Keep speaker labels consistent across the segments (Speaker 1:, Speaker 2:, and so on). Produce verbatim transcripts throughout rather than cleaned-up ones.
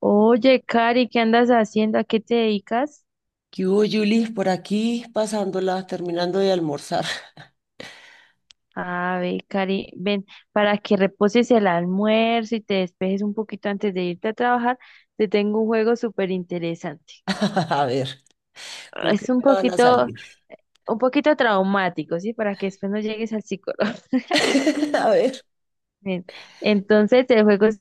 Speaker 1: Oye, Cari, ¿qué andas haciendo? ¿A qué te dedicas?
Speaker 2: ¿Qué hubo, Julis? Por aquí pasándola, terminando de almorzar.
Speaker 1: A ver, Cari, ven, para que reposes el almuerzo y te despejes un poquito antes de irte a trabajar, te tengo un juego súper interesante.
Speaker 2: A ver, ¿con
Speaker 1: Es
Speaker 2: qué
Speaker 1: un
Speaker 2: me van a
Speaker 1: poquito,
Speaker 2: salir?
Speaker 1: un poquito traumático, ¿sí? Para que después no llegues al psicólogo.
Speaker 2: A ver,
Speaker 1: Bien. Entonces, el juego es,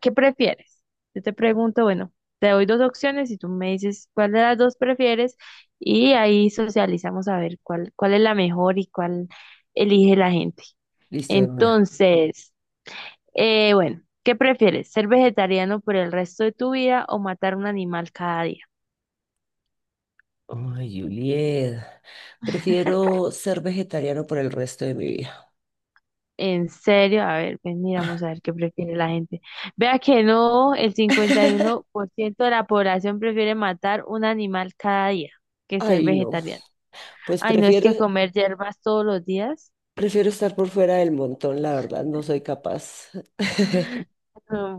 Speaker 1: ¿qué prefieres? Yo te pregunto, bueno, te doy dos opciones y tú me dices cuál de las dos prefieres y ahí socializamos a ver cuál, cuál es la mejor y cuál elige la gente.
Speaker 2: listo de una.
Speaker 1: Entonces, eh, bueno, ¿qué prefieres? ¿Ser vegetariano por el resto de tu vida o matar un animal cada día?
Speaker 2: Ay, Juliet, prefiero ser vegetariano por el resto de mi vida.
Speaker 1: En serio, a ver, pues miramos a ver qué prefiere la gente. Vea que no, el cincuenta y uno por ciento de la población prefiere matar un animal cada día que ser
Speaker 2: Ay, no,
Speaker 1: vegetariano.
Speaker 2: pues
Speaker 1: Ay, no es
Speaker 2: prefiero,
Speaker 1: que comer hierbas todos los días.
Speaker 2: prefiero estar por fuera del montón, la verdad, no soy capaz.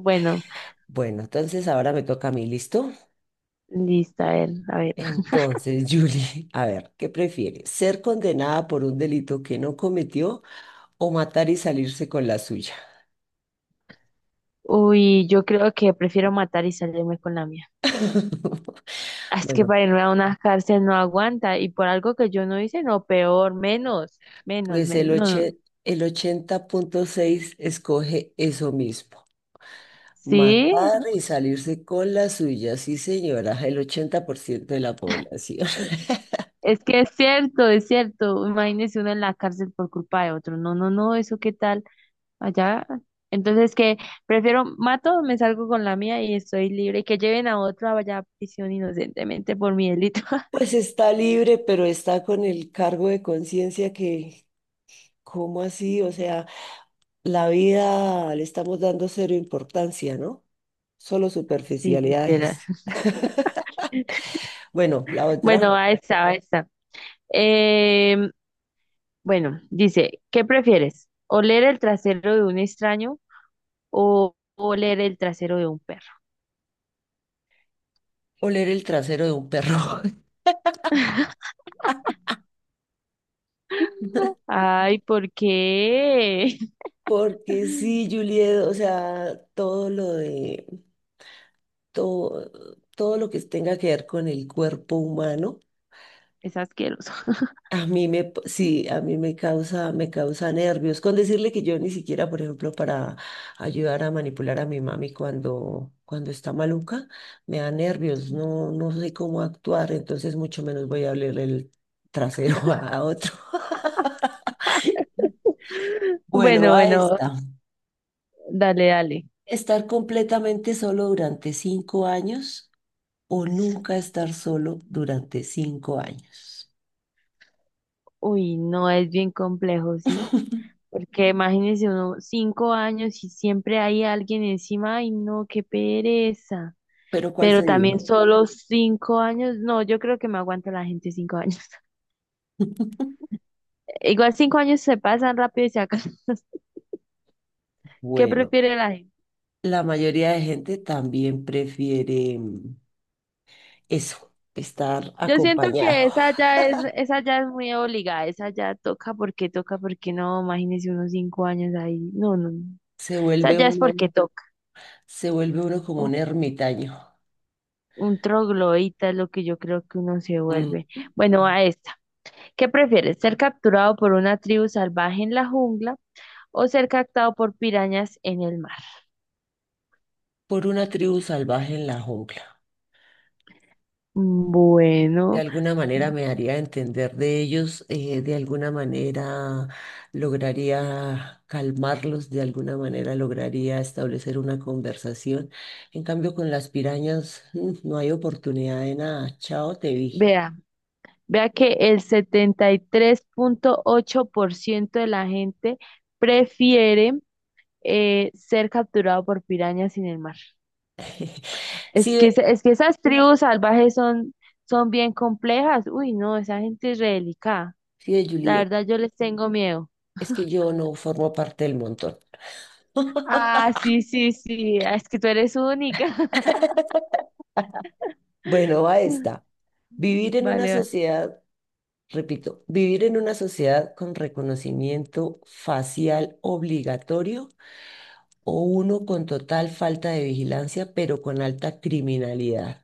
Speaker 1: Bueno,
Speaker 2: Bueno, entonces ahora me toca a mí, ¿listo?
Speaker 1: listo, a ver, a ver.
Speaker 2: Entonces, Julie, a ver, ¿qué prefiere? ¿Ser condenada por un delito que no cometió o matar y salirse con la suya?
Speaker 1: Uy, yo creo que prefiero matar y salirme con la mía. Ah, es que
Speaker 2: Bueno,
Speaker 1: para irme a una cárcel no aguanta y por algo que yo no hice, no, peor, menos, menos,
Speaker 2: pues
Speaker 1: menos,
Speaker 2: el
Speaker 1: no, no.
Speaker 2: oche- el ochenta punto seis escoge eso mismo.
Speaker 1: ¿Sí?
Speaker 2: Matar y salirse con la suya, sí señora, el ochenta por ciento de la población.
Speaker 1: Es que es cierto, es cierto. Imagínese uno en la cárcel por culpa de otro. No, no, no, eso qué tal allá. Entonces, que prefiero mato, me salgo con la mía y estoy libre. Que lleven a otro allá a prisión inocentemente por mi delito.
Speaker 2: Pues está libre, pero está con el cargo de conciencia que, ¿cómo así? O sea, la vida le estamos dando cero importancia, ¿no? Solo
Speaker 1: Sí, literal.
Speaker 2: superficialidades. Bueno, la otra,
Speaker 1: Bueno, ahí está, ahí está. Em, bueno, dice, ¿qué prefieres? ¿Oler el trasero de un extraño o oler el trasero de un perro?
Speaker 2: oler el trasero de un perro.
Speaker 1: Ay, ¿por qué?
Speaker 2: Porque sí, Juliet, o sea, todo lo de, todo, todo lo que tenga que ver con el cuerpo humano,
Speaker 1: Es asqueroso.
Speaker 2: a mí me, p- sí, a mí me causa, me causa nervios. Con decirle que yo ni siquiera, por ejemplo, para ayudar a manipular a mi mami cuando, cuando está maluca, me da nervios, no, no sé cómo actuar, entonces mucho menos voy a hablarle el trasero a a otro. Bueno,
Speaker 1: Bueno,
Speaker 2: a
Speaker 1: bueno,
Speaker 2: esta.
Speaker 1: dale, dale.
Speaker 2: Estar completamente solo durante cinco años o nunca estar solo durante cinco años.
Speaker 1: Uy, no es bien complejo, ¿sí? Porque imagínense uno cinco años y siempre hay alguien encima, ay no, qué pereza.
Speaker 2: Pero ¿cuál
Speaker 1: Pero
Speaker 2: sería?
Speaker 1: también solo cinco años, no, yo creo que me aguanta la gente cinco años. Igual cinco años se pasan rápido y se acaban. ¿Qué
Speaker 2: Bueno,
Speaker 1: prefiere la gente?
Speaker 2: la mayoría de gente también prefiere mm, eso, estar
Speaker 1: Yo siento que
Speaker 2: acompañado.
Speaker 1: esa ya es, esa ya es muy obligada, esa ya toca porque toca, porque no, imagínese unos cinco años ahí. No, no, no.
Speaker 2: Se
Speaker 1: Esa
Speaker 2: vuelve
Speaker 1: ya es
Speaker 2: uno,
Speaker 1: porque toca.
Speaker 2: se vuelve uno como un ermitaño,
Speaker 1: Un troglodita es lo que yo creo que uno se
Speaker 2: mm,
Speaker 1: vuelve. Bueno, a esta. ¿Qué prefieres? ¿Ser capturado por una tribu salvaje en la jungla o ser captado por pirañas en el mar?
Speaker 2: por una tribu salvaje en la jungla.
Speaker 1: Mm,
Speaker 2: De
Speaker 1: Bueno,
Speaker 2: alguna manera me haría entender de ellos, eh, de alguna manera lograría calmarlos, de alguna manera lograría establecer una conversación. En cambio, con las pirañas mm, no hay oportunidad de nada. Chao, te vi.
Speaker 1: vea, vea que el setenta y tres punto ocho por ciento de la gente prefiere eh, ser capturado por pirañas en el mar. Es
Speaker 2: Sí,
Speaker 1: que,
Speaker 2: ve,
Speaker 1: es que esas tribus salvajes son, son bien complejas. Uy, no, esa gente es re delicada.
Speaker 2: sí, ve,
Speaker 1: La
Speaker 2: Juliet,
Speaker 1: verdad, yo les tengo miedo.
Speaker 2: es que yo no formo parte del montón.
Speaker 1: Ah, sí, sí, sí. Ah, es que tú eres única.
Speaker 2: Bueno, va esta. Vivir en una
Speaker 1: Vale, vale.
Speaker 2: sociedad, repito, vivir en una sociedad con reconocimiento facial obligatorio o uno con total falta de vigilancia, pero con alta criminalidad.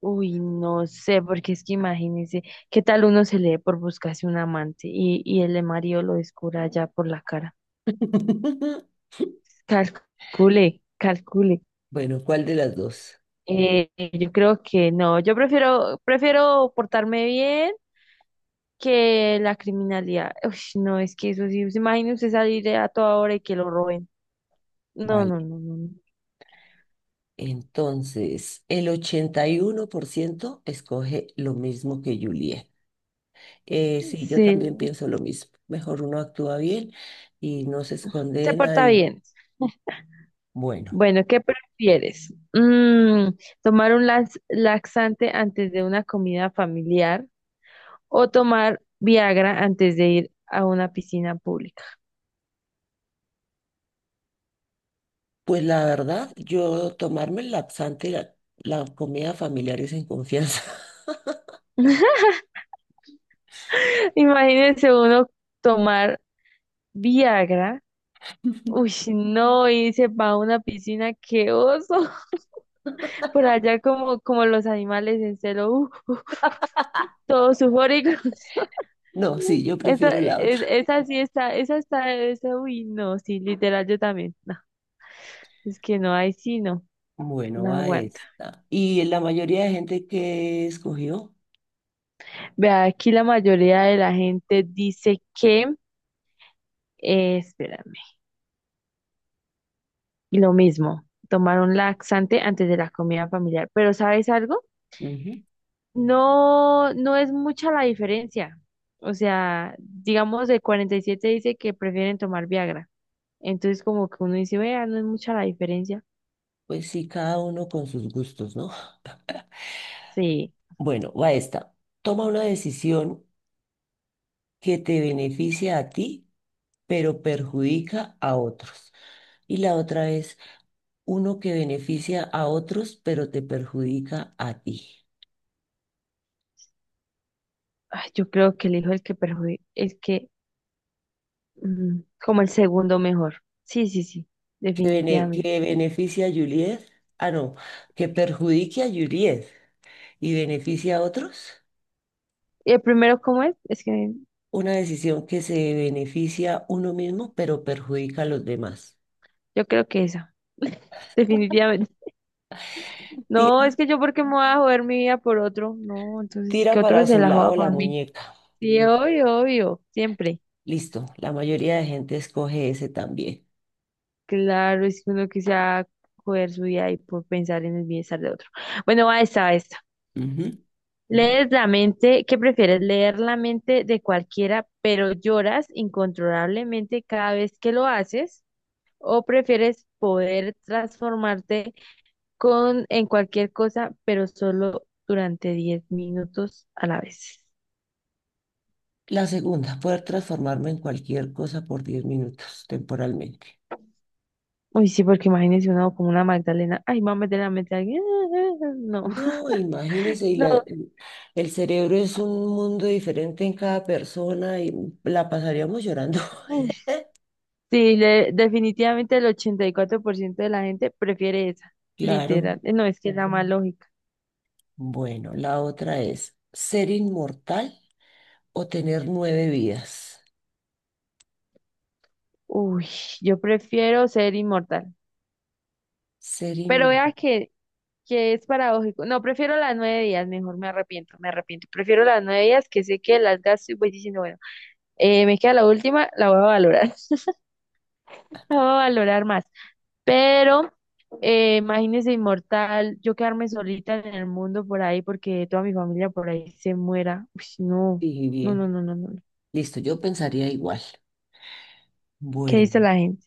Speaker 1: Uy, no sé, porque es que imagínese, ¿qué tal uno se lee por buscarse un amante y, y el de Mario lo descubra ya por la cara? Calcule, calcule.
Speaker 2: Bueno, ¿cuál de las dos?
Speaker 1: Eh, yo creo que no, yo prefiero, prefiero portarme bien que la criminalidad. Uy, no, es que eso sí, imagínese salir a toda hora y que lo roben. No,
Speaker 2: Vale,
Speaker 1: no, no, no, no.
Speaker 2: entonces el ochenta y uno por ciento escoge lo mismo que Juliet. Eh, sí, yo
Speaker 1: Sí,
Speaker 2: también pienso lo mismo. Mejor uno actúa bien y no se esconde
Speaker 1: se
Speaker 2: de
Speaker 1: porta
Speaker 2: nadie.
Speaker 1: bien.
Speaker 2: Bueno,
Speaker 1: Bueno, ¿qué prefieres? Mm, ¿tomar un lax- laxante antes de una comida familiar o tomar Viagra antes de ir a una piscina pública?
Speaker 2: pues la verdad, yo tomarme el laxante la, la comida familiar es en confianza.
Speaker 1: Imagínense uno tomar Viagra. Uy, no, y se va a una piscina, qué oso. Por allá como, como los animales en celo, uh, todos sufóricos.
Speaker 2: No, sí, yo
Speaker 1: Esa,
Speaker 2: prefiero la otra.
Speaker 1: es- esa sí está, esa está, esa, uy, no, sí, literal, yo también. No, es que no, ahí sí no,
Speaker 2: Bueno,
Speaker 1: no
Speaker 2: va
Speaker 1: aguanto.
Speaker 2: esta. Y la mayoría de gente que escogió,
Speaker 1: Vea, aquí la mayoría de la gente dice que, eh, espérame, y lo mismo, tomar un laxante antes de la comida familiar. Pero ¿sabes algo?
Speaker 2: ujú.
Speaker 1: No, no es mucha la diferencia. O sea, digamos de siete dice que prefieren tomar Viagra. Entonces como que uno dice, vea, no es mucha la diferencia.
Speaker 2: Pues sí, cada uno con sus gustos, ¿no?
Speaker 1: Sí,
Speaker 2: Bueno, va esta. Toma una decisión que te beneficia a ti, pero perjudica a otros. Y la otra es uno que beneficia a otros, pero te perjudica a ti.
Speaker 1: ay, yo creo que elijo el que perjudica, es que mm, como el segundo mejor. Sí, sí, sí,
Speaker 2: Que, bene-
Speaker 1: definitivamente.
Speaker 2: que beneficia a Juliet. Ah, no, que perjudique a Juliet y beneficia a otros.
Speaker 1: ¿Y el primero cómo es? Es que
Speaker 2: Una decisión que se beneficia uno mismo, pero perjudica a los demás.
Speaker 1: yo creo que esa. Definitivamente. No, es
Speaker 2: Tira,
Speaker 1: que yo porque me voy a joder mi vida por otro. No, entonces
Speaker 2: tira
Speaker 1: que otro
Speaker 2: para
Speaker 1: se
Speaker 2: su
Speaker 1: la joda
Speaker 2: lado la
Speaker 1: por mí.
Speaker 2: muñeca.
Speaker 1: Sí, obvio, obvio, siempre.
Speaker 2: Listo, la mayoría de gente escoge ese también.
Speaker 1: Claro, es que uno quisiera joder su vida y por pensar en el bienestar de otro. Bueno, va esta, va esta.
Speaker 2: Ujú.
Speaker 1: Lees la mente, ¿qué prefieres? Leer la mente de cualquiera, pero lloras incontrolablemente cada vez que lo haces, o prefieres poder transformarte con en cualquier cosa, pero solo durante diez minutos a la vez.
Speaker 2: La segunda, poder transformarme en cualquier cosa por diez minutos temporalmente.
Speaker 1: Uy, sí, porque imagínense una como una Magdalena. Ay, mamá, de la mete a alguien. No,
Speaker 2: No, imagínese, y la-
Speaker 1: no.
Speaker 2: el cerebro es un mundo diferente en cada persona y la pasaríamos llorando.
Speaker 1: Uy. Sí, le- definitivamente el ochenta y cuatro por ciento de la gente prefiere esa.
Speaker 2: Claro,
Speaker 1: Literal. Eh, No, es que es la más lógica.
Speaker 2: bueno, la otra es ser inmortal o tener nueve vidas.
Speaker 1: Uy, yo prefiero ser inmortal.
Speaker 2: Ser
Speaker 1: Pero
Speaker 2: inmune.
Speaker 1: vea que, que es paradójico. No, prefiero las nueve días, mejor me arrepiento, me arrepiento. Prefiero las nueve días que sé que las gasto y voy diciendo, bueno, eh, me queda la última, la voy a valorar. La voy a valorar más. Pero eh, imagínese inmortal, yo quedarme solita en el mundo por ahí porque toda mi familia por ahí se muera. Uy, no,
Speaker 2: Dije
Speaker 1: no, no,
Speaker 2: bien.
Speaker 1: no, no, no, no.
Speaker 2: Listo, yo pensaría igual.
Speaker 1: ¿Qué dice
Speaker 2: Bueno,
Speaker 1: la gente?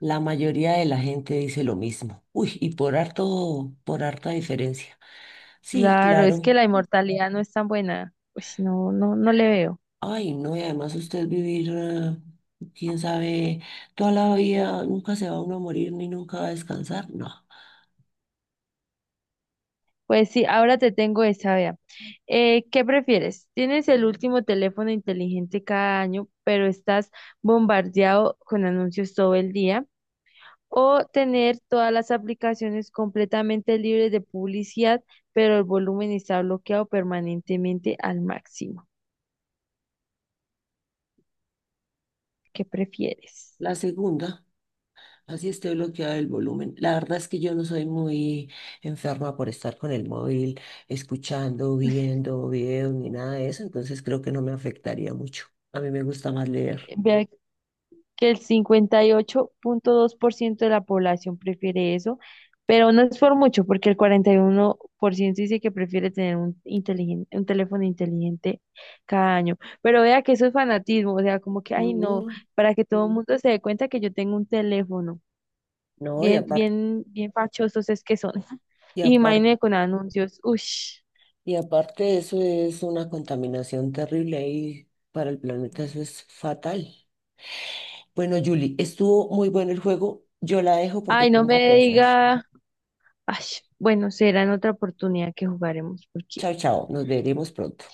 Speaker 2: la mayoría de la gente dice lo mismo. Uy, y por harto, por harta diferencia. Sí,
Speaker 1: Claro, es que
Speaker 2: claro.
Speaker 1: la inmortalidad no es tan buena. Pues no, no, no le veo.
Speaker 2: Ay, no, y además usted vivir, eh, quién sabe, toda la vida, nunca se va uno a morir ni nunca va a descansar. No.
Speaker 1: Pues sí, ahora te tengo esa, vea. Eh, ¿qué prefieres? Tienes el último teléfono inteligente cada año, pero estás bombardeado con anuncios todo el día. O tener todas las aplicaciones completamente libres de publicidad, pero el volumen está bloqueado permanentemente al máximo. ¿Qué prefieres?
Speaker 2: La segunda. Así esté bloqueado el volumen. La verdad es que yo no soy muy enferma por estar con el móvil, escuchando, viendo videos ni nada de eso, entonces creo que no me afectaría mucho. A mí me gusta más leer.
Speaker 1: Vea que el cincuenta y ocho punto dos por ciento de la población prefiere eso, pero no es por mucho, porque el cuarenta y uno por ciento dice que prefiere tener un, inteligen- un teléfono inteligente cada año. Pero vea que eso es fanatismo, o sea, como que, ay, no,
Speaker 2: Ujú.
Speaker 1: para que todo el, sí, mundo se dé cuenta que yo tengo un teléfono.
Speaker 2: No, y
Speaker 1: Bien,
Speaker 2: aparte,
Speaker 1: bien, bien fachosos es que son.
Speaker 2: y aparte,
Speaker 1: Imagínate con anuncios. Ush.
Speaker 2: y aparte eso es una contaminación terrible ahí para el planeta, eso es fatal. Bueno, Julie, estuvo muy bueno el juego. Yo la dejo porque
Speaker 1: Ay, no
Speaker 2: tengo que
Speaker 1: me
Speaker 2: hacer.
Speaker 1: diga. Ay, bueno, será en otra oportunidad que jugaremos, porque
Speaker 2: Chao, chao. Nos veremos pronto.